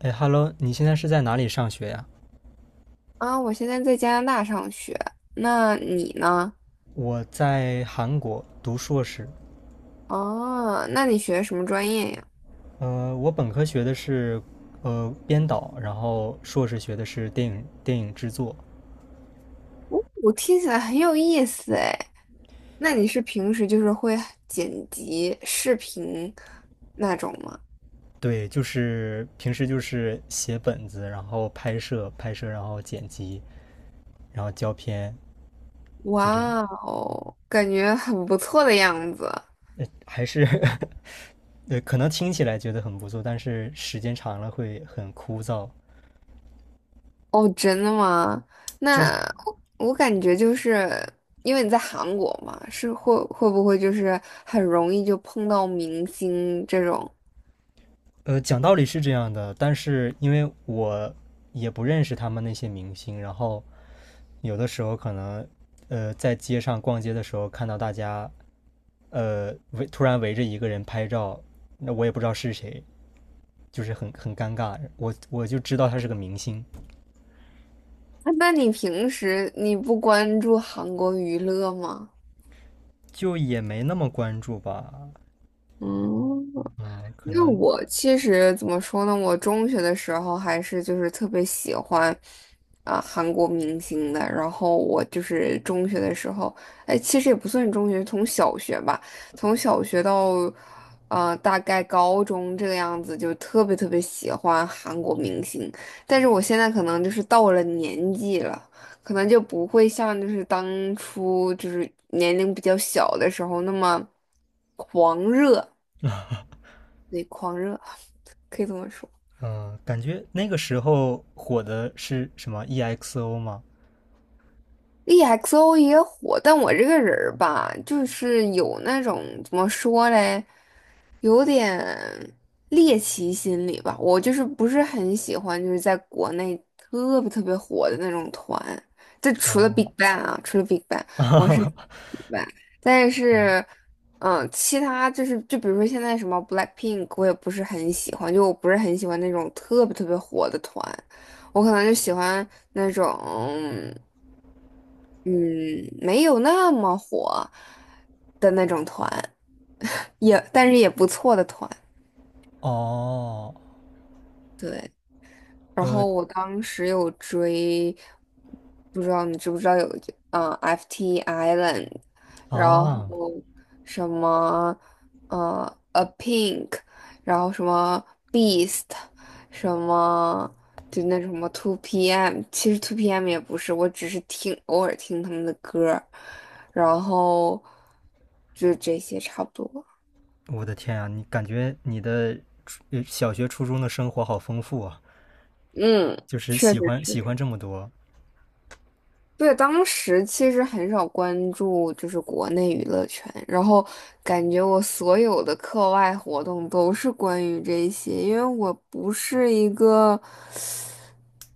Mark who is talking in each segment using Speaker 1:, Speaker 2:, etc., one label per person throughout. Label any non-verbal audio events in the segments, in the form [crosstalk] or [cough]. Speaker 1: 哎，Hello，你现在是在哪里上学呀？
Speaker 2: 啊，我现在在加拿大上学，那你呢？
Speaker 1: 我在韩国读硕士，
Speaker 2: 哦，那你学什么专业呀？
Speaker 1: 我本科学的是编导，然后硕士学的是电影制作。
Speaker 2: 哦，我听起来很有意思哎。那你是平时就是会剪辑视频那种吗？
Speaker 1: 对，就是平时就是写本子，然后拍摄，然后剪辑，然后胶片，就这样。
Speaker 2: 哇哦，感觉很不错的样子。
Speaker 1: 还是 [laughs] 可能听起来觉得很不错，但是时间长了会很枯燥。
Speaker 2: 哦，真的吗？
Speaker 1: 就是
Speaker 2: 那我感觉就是因为你在韩国嘛，是会不会就是很容易就碰到明星这种？
Speaker 1: 讲道理是这样的，但是因为我也不认识他们那些明星，然后有的时候可能，在街上逛街的时候看到大家，突然围着一个人拍照，那我也不知道是谁，就是很尴尬。我就知道他是个明星，
Speaker 2: 那你平时你不关注韩国娱乐吗？
Speaker 1: 就也没那么关注吧。
Speaker 2: 嗯，
Speaker 1: 嗯、可
Speaker 2: 因为
Speaker 1: 能
Speaker 2: 我其实怎么说呢，我中学的时候还是就是特别喜欢啊、韩国明星的，然后我就是中学的时候，哎，其实也不算中学，从小学吧，从小学到大概高中这个样子，就特别特别喜欢韩国明星，但是我现在可能就是到了年纪了，可能就不会像就是当初就是年龄比较小的时候那么狂热。对，狂热，[laughs] 可以这么说。
Speaker 1: 嗯、感觉那个时候火的是什么 EXO 吗？
Speaker 2: EXO 也火，但我这个人儿吧，就是有那种怎么说嘞，有点猎奇心理吧。我就是不是很喜欢，就是在国内特别特别火的那种团。就除了
Speaker 1: 哦，
Speaker 2: BigBang 啊，除了 BigBang，我是 b
Speaker 1: [laughs]
Speaker 2: i 但
Speaker 1: 哦，
Speaker 2: 是，其他就是就比如说现在什么 BLACKPINK，我也不是很喜欢，就我不是很喜欢那种特别特别火的团，我可能就喜欢那种。嗯，没有那么火的那种团，[laughs] 也但是也不错的团，
Speaker 1: 哦，
Speaker 2: 对。然后
Speaker 1: 呃
Speaker 2: 我当时有追，不知道你知不知道有FT Island，然
Speaker 1: 啊。
Speaker 2: 后什么A Pink，然后什么 Beast，什么就那什么 Two PM，其实 Two PM 也不是，我只是听偶尔听他们的歌儿，然后就这些差不多。
Speaker 1: 我的天啊，你感觉你的小学、初中的生活好丰富啊，
Speaker 2: 嗯，
Speaker 1: 就是
Speaker 2: 确
Speaker 1: 喜
Speaker 2: 实
Speaker 1: 欢
Speaker 2: 确
Speaker 1: 喜欢这么多。
Speaker 2: 对，当时其实很少关注就是国内娱乐圈，然后感觉我所有的课外活动都是关于这些，因为我不是一个。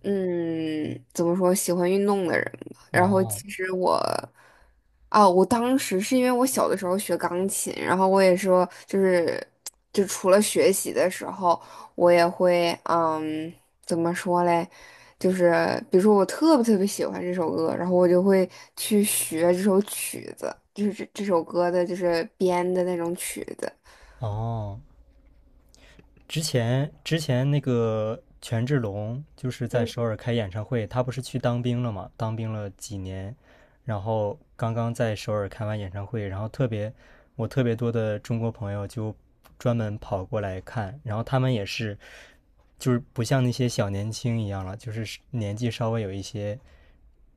Speaker 2: 嗯，怎么说，喜欢运动的人吧。然后
Speaker 1: 哦
Speaker 2: 其实我，啊，我当时是因为我小的时候学钢琴，然后我也说，就是，就除了学习的时候，我也会，怎么说嘞，就是比如说我特别特别喜欢这首歌，然后我就会去学这首曲子，就是这首歌的，就是编的那种曲子。
Speaker 1: 哦，之前那个权志龙就是在
Speaker 2: 嗯，
Speaker 1: 首尔开演唱会，他不是去当兵了嘛？当兵了几年，然后刚刚在首尔开完演唱会，然后特别我特别多的中国朋友就专门跑过来看，然后他们也是就是不像那些小年轻一样了，就是年纪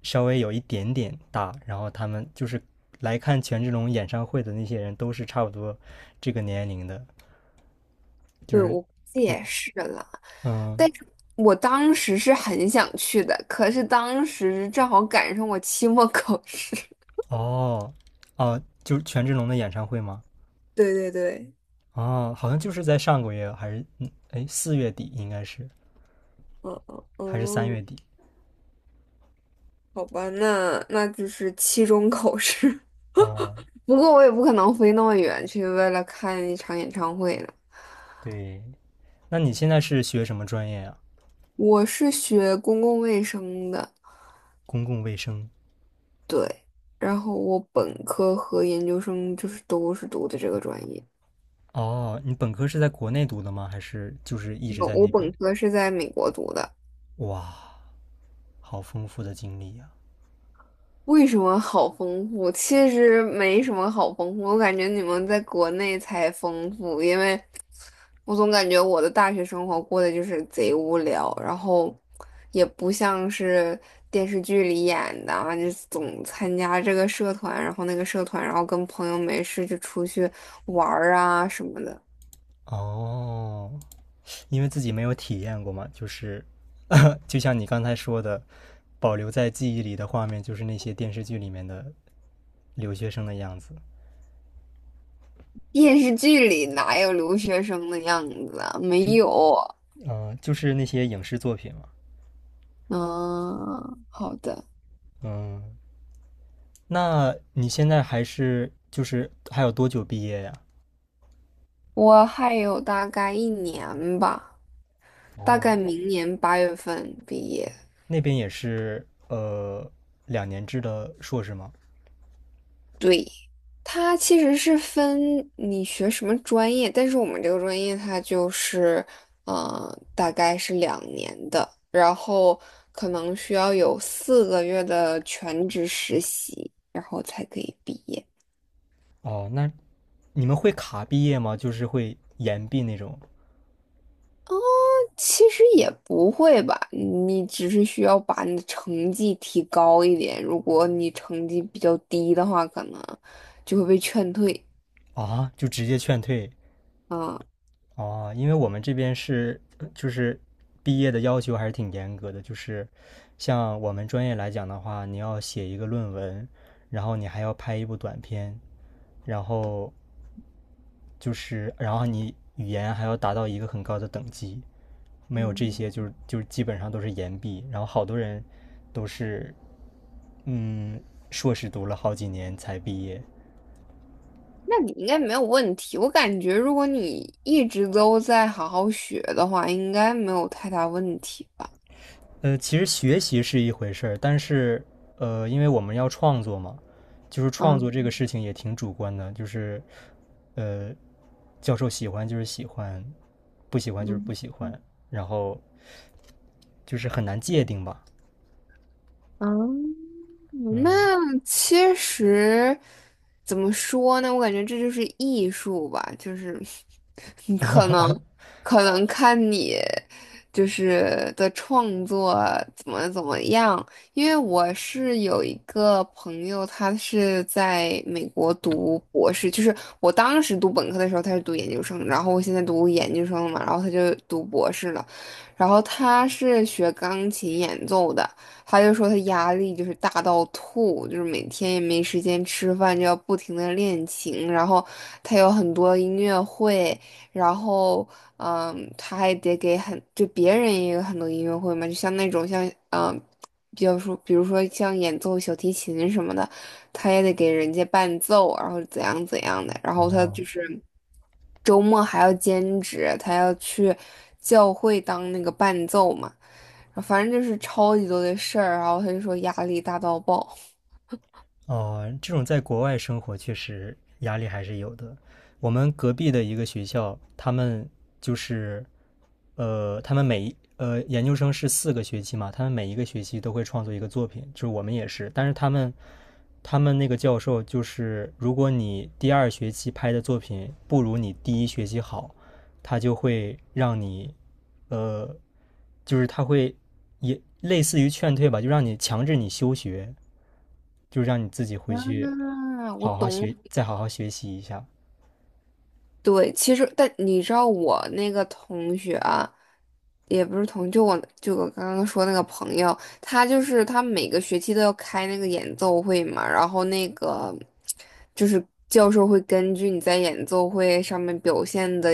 Speaker 1: 稍微有一点点大，然后他们就是来看权志龙演唱会的那些人都是差不多这个年龄的，就
Speaker 2: 对，
Speaker 1: 是。
Speaker 2: 我估计
Speaker 1: 对，
Speaker 2: 也是了。但
Speaker 1: 嗯，
Speaker 2: 是我当时是很想去的，可是当时正好赶上我期末考试。[laughs]
Speaker 1: 哦，哦，就是权志龙的演唱会吗？
Speaker 2: 对对对，
Speaker 1: 哦，好像就是在上个月，还是嗯，哎，四月底应该是，
Speaker 2: 嗯嗯
Speaker 1: 还是三
Speaker 2: 嗯，
Speaker 1: 月底？
Speaker 2: 好吧，那就是期中考试。
Speaker 1: 哦，
Speaker 2: [laughs] 不过我也不可能飞那么远去为了看一场演唱会了。
Speaker 1: 对，那你现在是学什么专业呀？
Speaker 2: 我是学公共卫生的，
Speaker 1: 公共卫生。
Speaker 2: 对，然后我本科和研究生就是都是读的这个专业。
Speaker 1: 哦，你本科是在国内读的吗？还是就是一直
Speaker 2: 我
Speaker 1: 在
Speaker 2: 我
Speaker 1: 那边？
Speaker 2: 本科是在美国读的，
Speaker 1: 哇，好丰富的经历呀！
Speaker 2: 为什么好丰富？其实没什么好丰富，我感觉你们在国内才丰富，因为我总感觉我的大学生活过得就是贼无聊，然后也不像是电视剧里演的啊，就总参加这个社团，然后那个社团，然后跟朋友没事就出去玩儿啊什么的。
Speaker 1: 哦，因为自己没有体验过嘛，就是，[laughs] 就像你刚才说的，保留在记忆里的画面就是那些电视剧里面的留学生的样子，
Speaker 2: 电视剧里哪有留学生的样子啊？没
Speaker 1: 就
Speaker 2: 有。
Speaker 1: 就是那些影视作品嘛。
Speaker 2: 嗯，好的，
Speaker 1: 那你现在还是就是还有多久毕业呀？
Speaker 2: 我还有大概一年吧。大
Speaker 1: 哦，
Speaker 2: 概明年8月份毕业。
Speaker 1: 那边也是两年制的硕士吗？
Speaker 2: 对，它其实是分你学什么专业，但是我们这个专业它就是，大概是2年的，然后可能需要有4个月的全职实习，然后才可以毕业。
Speaker 1: 哦，那你们会卡毕业吗？就是会延毕那种
Speaker 2: 其实也不会吧，你只是需要把你的成绩提高一点，如果你成绩比较低的话，可能就会被劝退。
Speaker 1: 啊？就直接劝退
Speaker 2: 啊。
Speaker 1: 啊？因为我们这边是就是毕业的要求还是挺严格的，就是像我们专业来讲的话，你要写一个论文，然后你还要拍一部短片，然后就是，然后你语言还要达到一个很高的等级，没有这些就是基本上都是延毕，然后好多人都是嗯硕士读了好几年才毕业。
Speaker 2: 那你应该没有问题。我感觉如果你一直都在好好学的话，应该没有太大问题吧？
Speaker 1: 其实学习是一回事儿，但是因为我们要创作嘛，就是创
Speaker 2: 啊，
Speaker 1: 作这个事情也挺主观的，就是呃，教授喜欢就是喜欢，不喜欢就是不
Speaker 2: 嗯。
Speaker 1: 喜欢，然后就是很难界定吧，
Speaker 2: 嗯，那
Speaker 1: 嗯。
Speaker 2: 其实怎么说呢？我感觉这就是艺术吧，就是 [laughs] 你可能
Speaker 1: [laughs]
Speaker 2: 看你就是的创作怎么怎么样。因为我是有一个朋友，他是在美国读博士，就是我当时读本科的时候他是读研究生，然后我现在读研究生了嘛，然后他就读博士了，然后他是学钢琴演奏的。他就说他压力就是大到吐，就是每天也没时间吃饭，就要不停的练琴。然后他有很多音乐会，然后他还得给很就别人也有很多音乐会嘛，就像那种像比较说比如说像演奏小提琴什么的，他也得给人家伴奏，然后怎样怎样的。然后他
Speaker 1: 哦，
Speaker 2: 就是周末还要兼职，他要去教会当那个伴奏嘛。反正就是超级多的事儿，然后他就说压力大到爆。
Speaker 1: 哦，这种在国外生活确实压力还是有的。我们隔壁的一个学校，他们就是呃，他们每一呃研究生是四个学期嘛，他们每一个学期都会创作一个作品，就是我们也是。但是他们那个教授就是，如果你第二学期拍的作品不如你第一学期好，他就会让你呃，他会也类似于劝退吧，就让你强制你休学。就让你自己回去
Speaker 2: 啊，我
Speaker 1: 好好
Speaker 2: 懂，
Speaker 1: 学，再好好学习一下。
Speaker 2: 对，其实但你知道我那个同学啊，也不是同，就我刚刚说那个朋友，他就是他每个学期都要开那个演奏会嘛，然后那个就是教授会根据你在演奏会上面表现的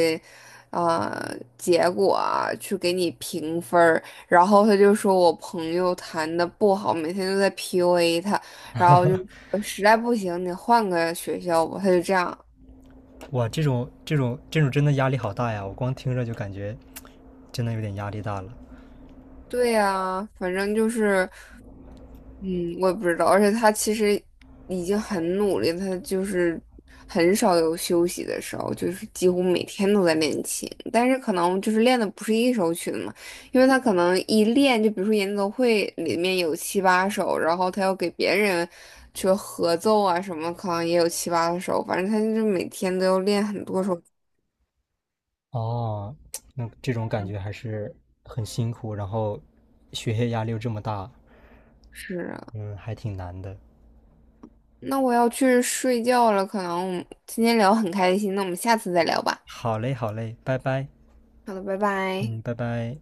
Speaker 2: 结果啊，去给你评分儿，然后他就说我朋友弹的不好，每天都在 PUA 他，然后就说实在不行你换个学校吧，他就这样。
Speaker 1: 哇，这种真的压力好大呀！我光听着就感觉真的有点压力大了。
Speaker 2: 对呀，反正就是，嗯，我也不知道，而且他其实已经很努力，他就是很少有休息的时候，就是几乎每天都在练琴，但是可能就是练的不是一首曲子嘛，因为他可能一练，就比如说演奏会里面有七八首，然后他要给别人去合奏啊什么，可能也有七八首，反正他就是每天都要练很多首。
Speaker 1: 哦，那这种感觉还是很辛苦，然后学业压力又这么大，
Speaker 2: 是啊，
Speaker 1: 嗯，还挺难的。
Speaker 2: 那我要去睡觉了，可能我们今天聊很开心，那我们下次再聊吧。
Speaker 1: 好嘞，好嘞，拜拜，
Speaker 2: 好的，拜拜。
Speaker 1: 嗯，拜拜。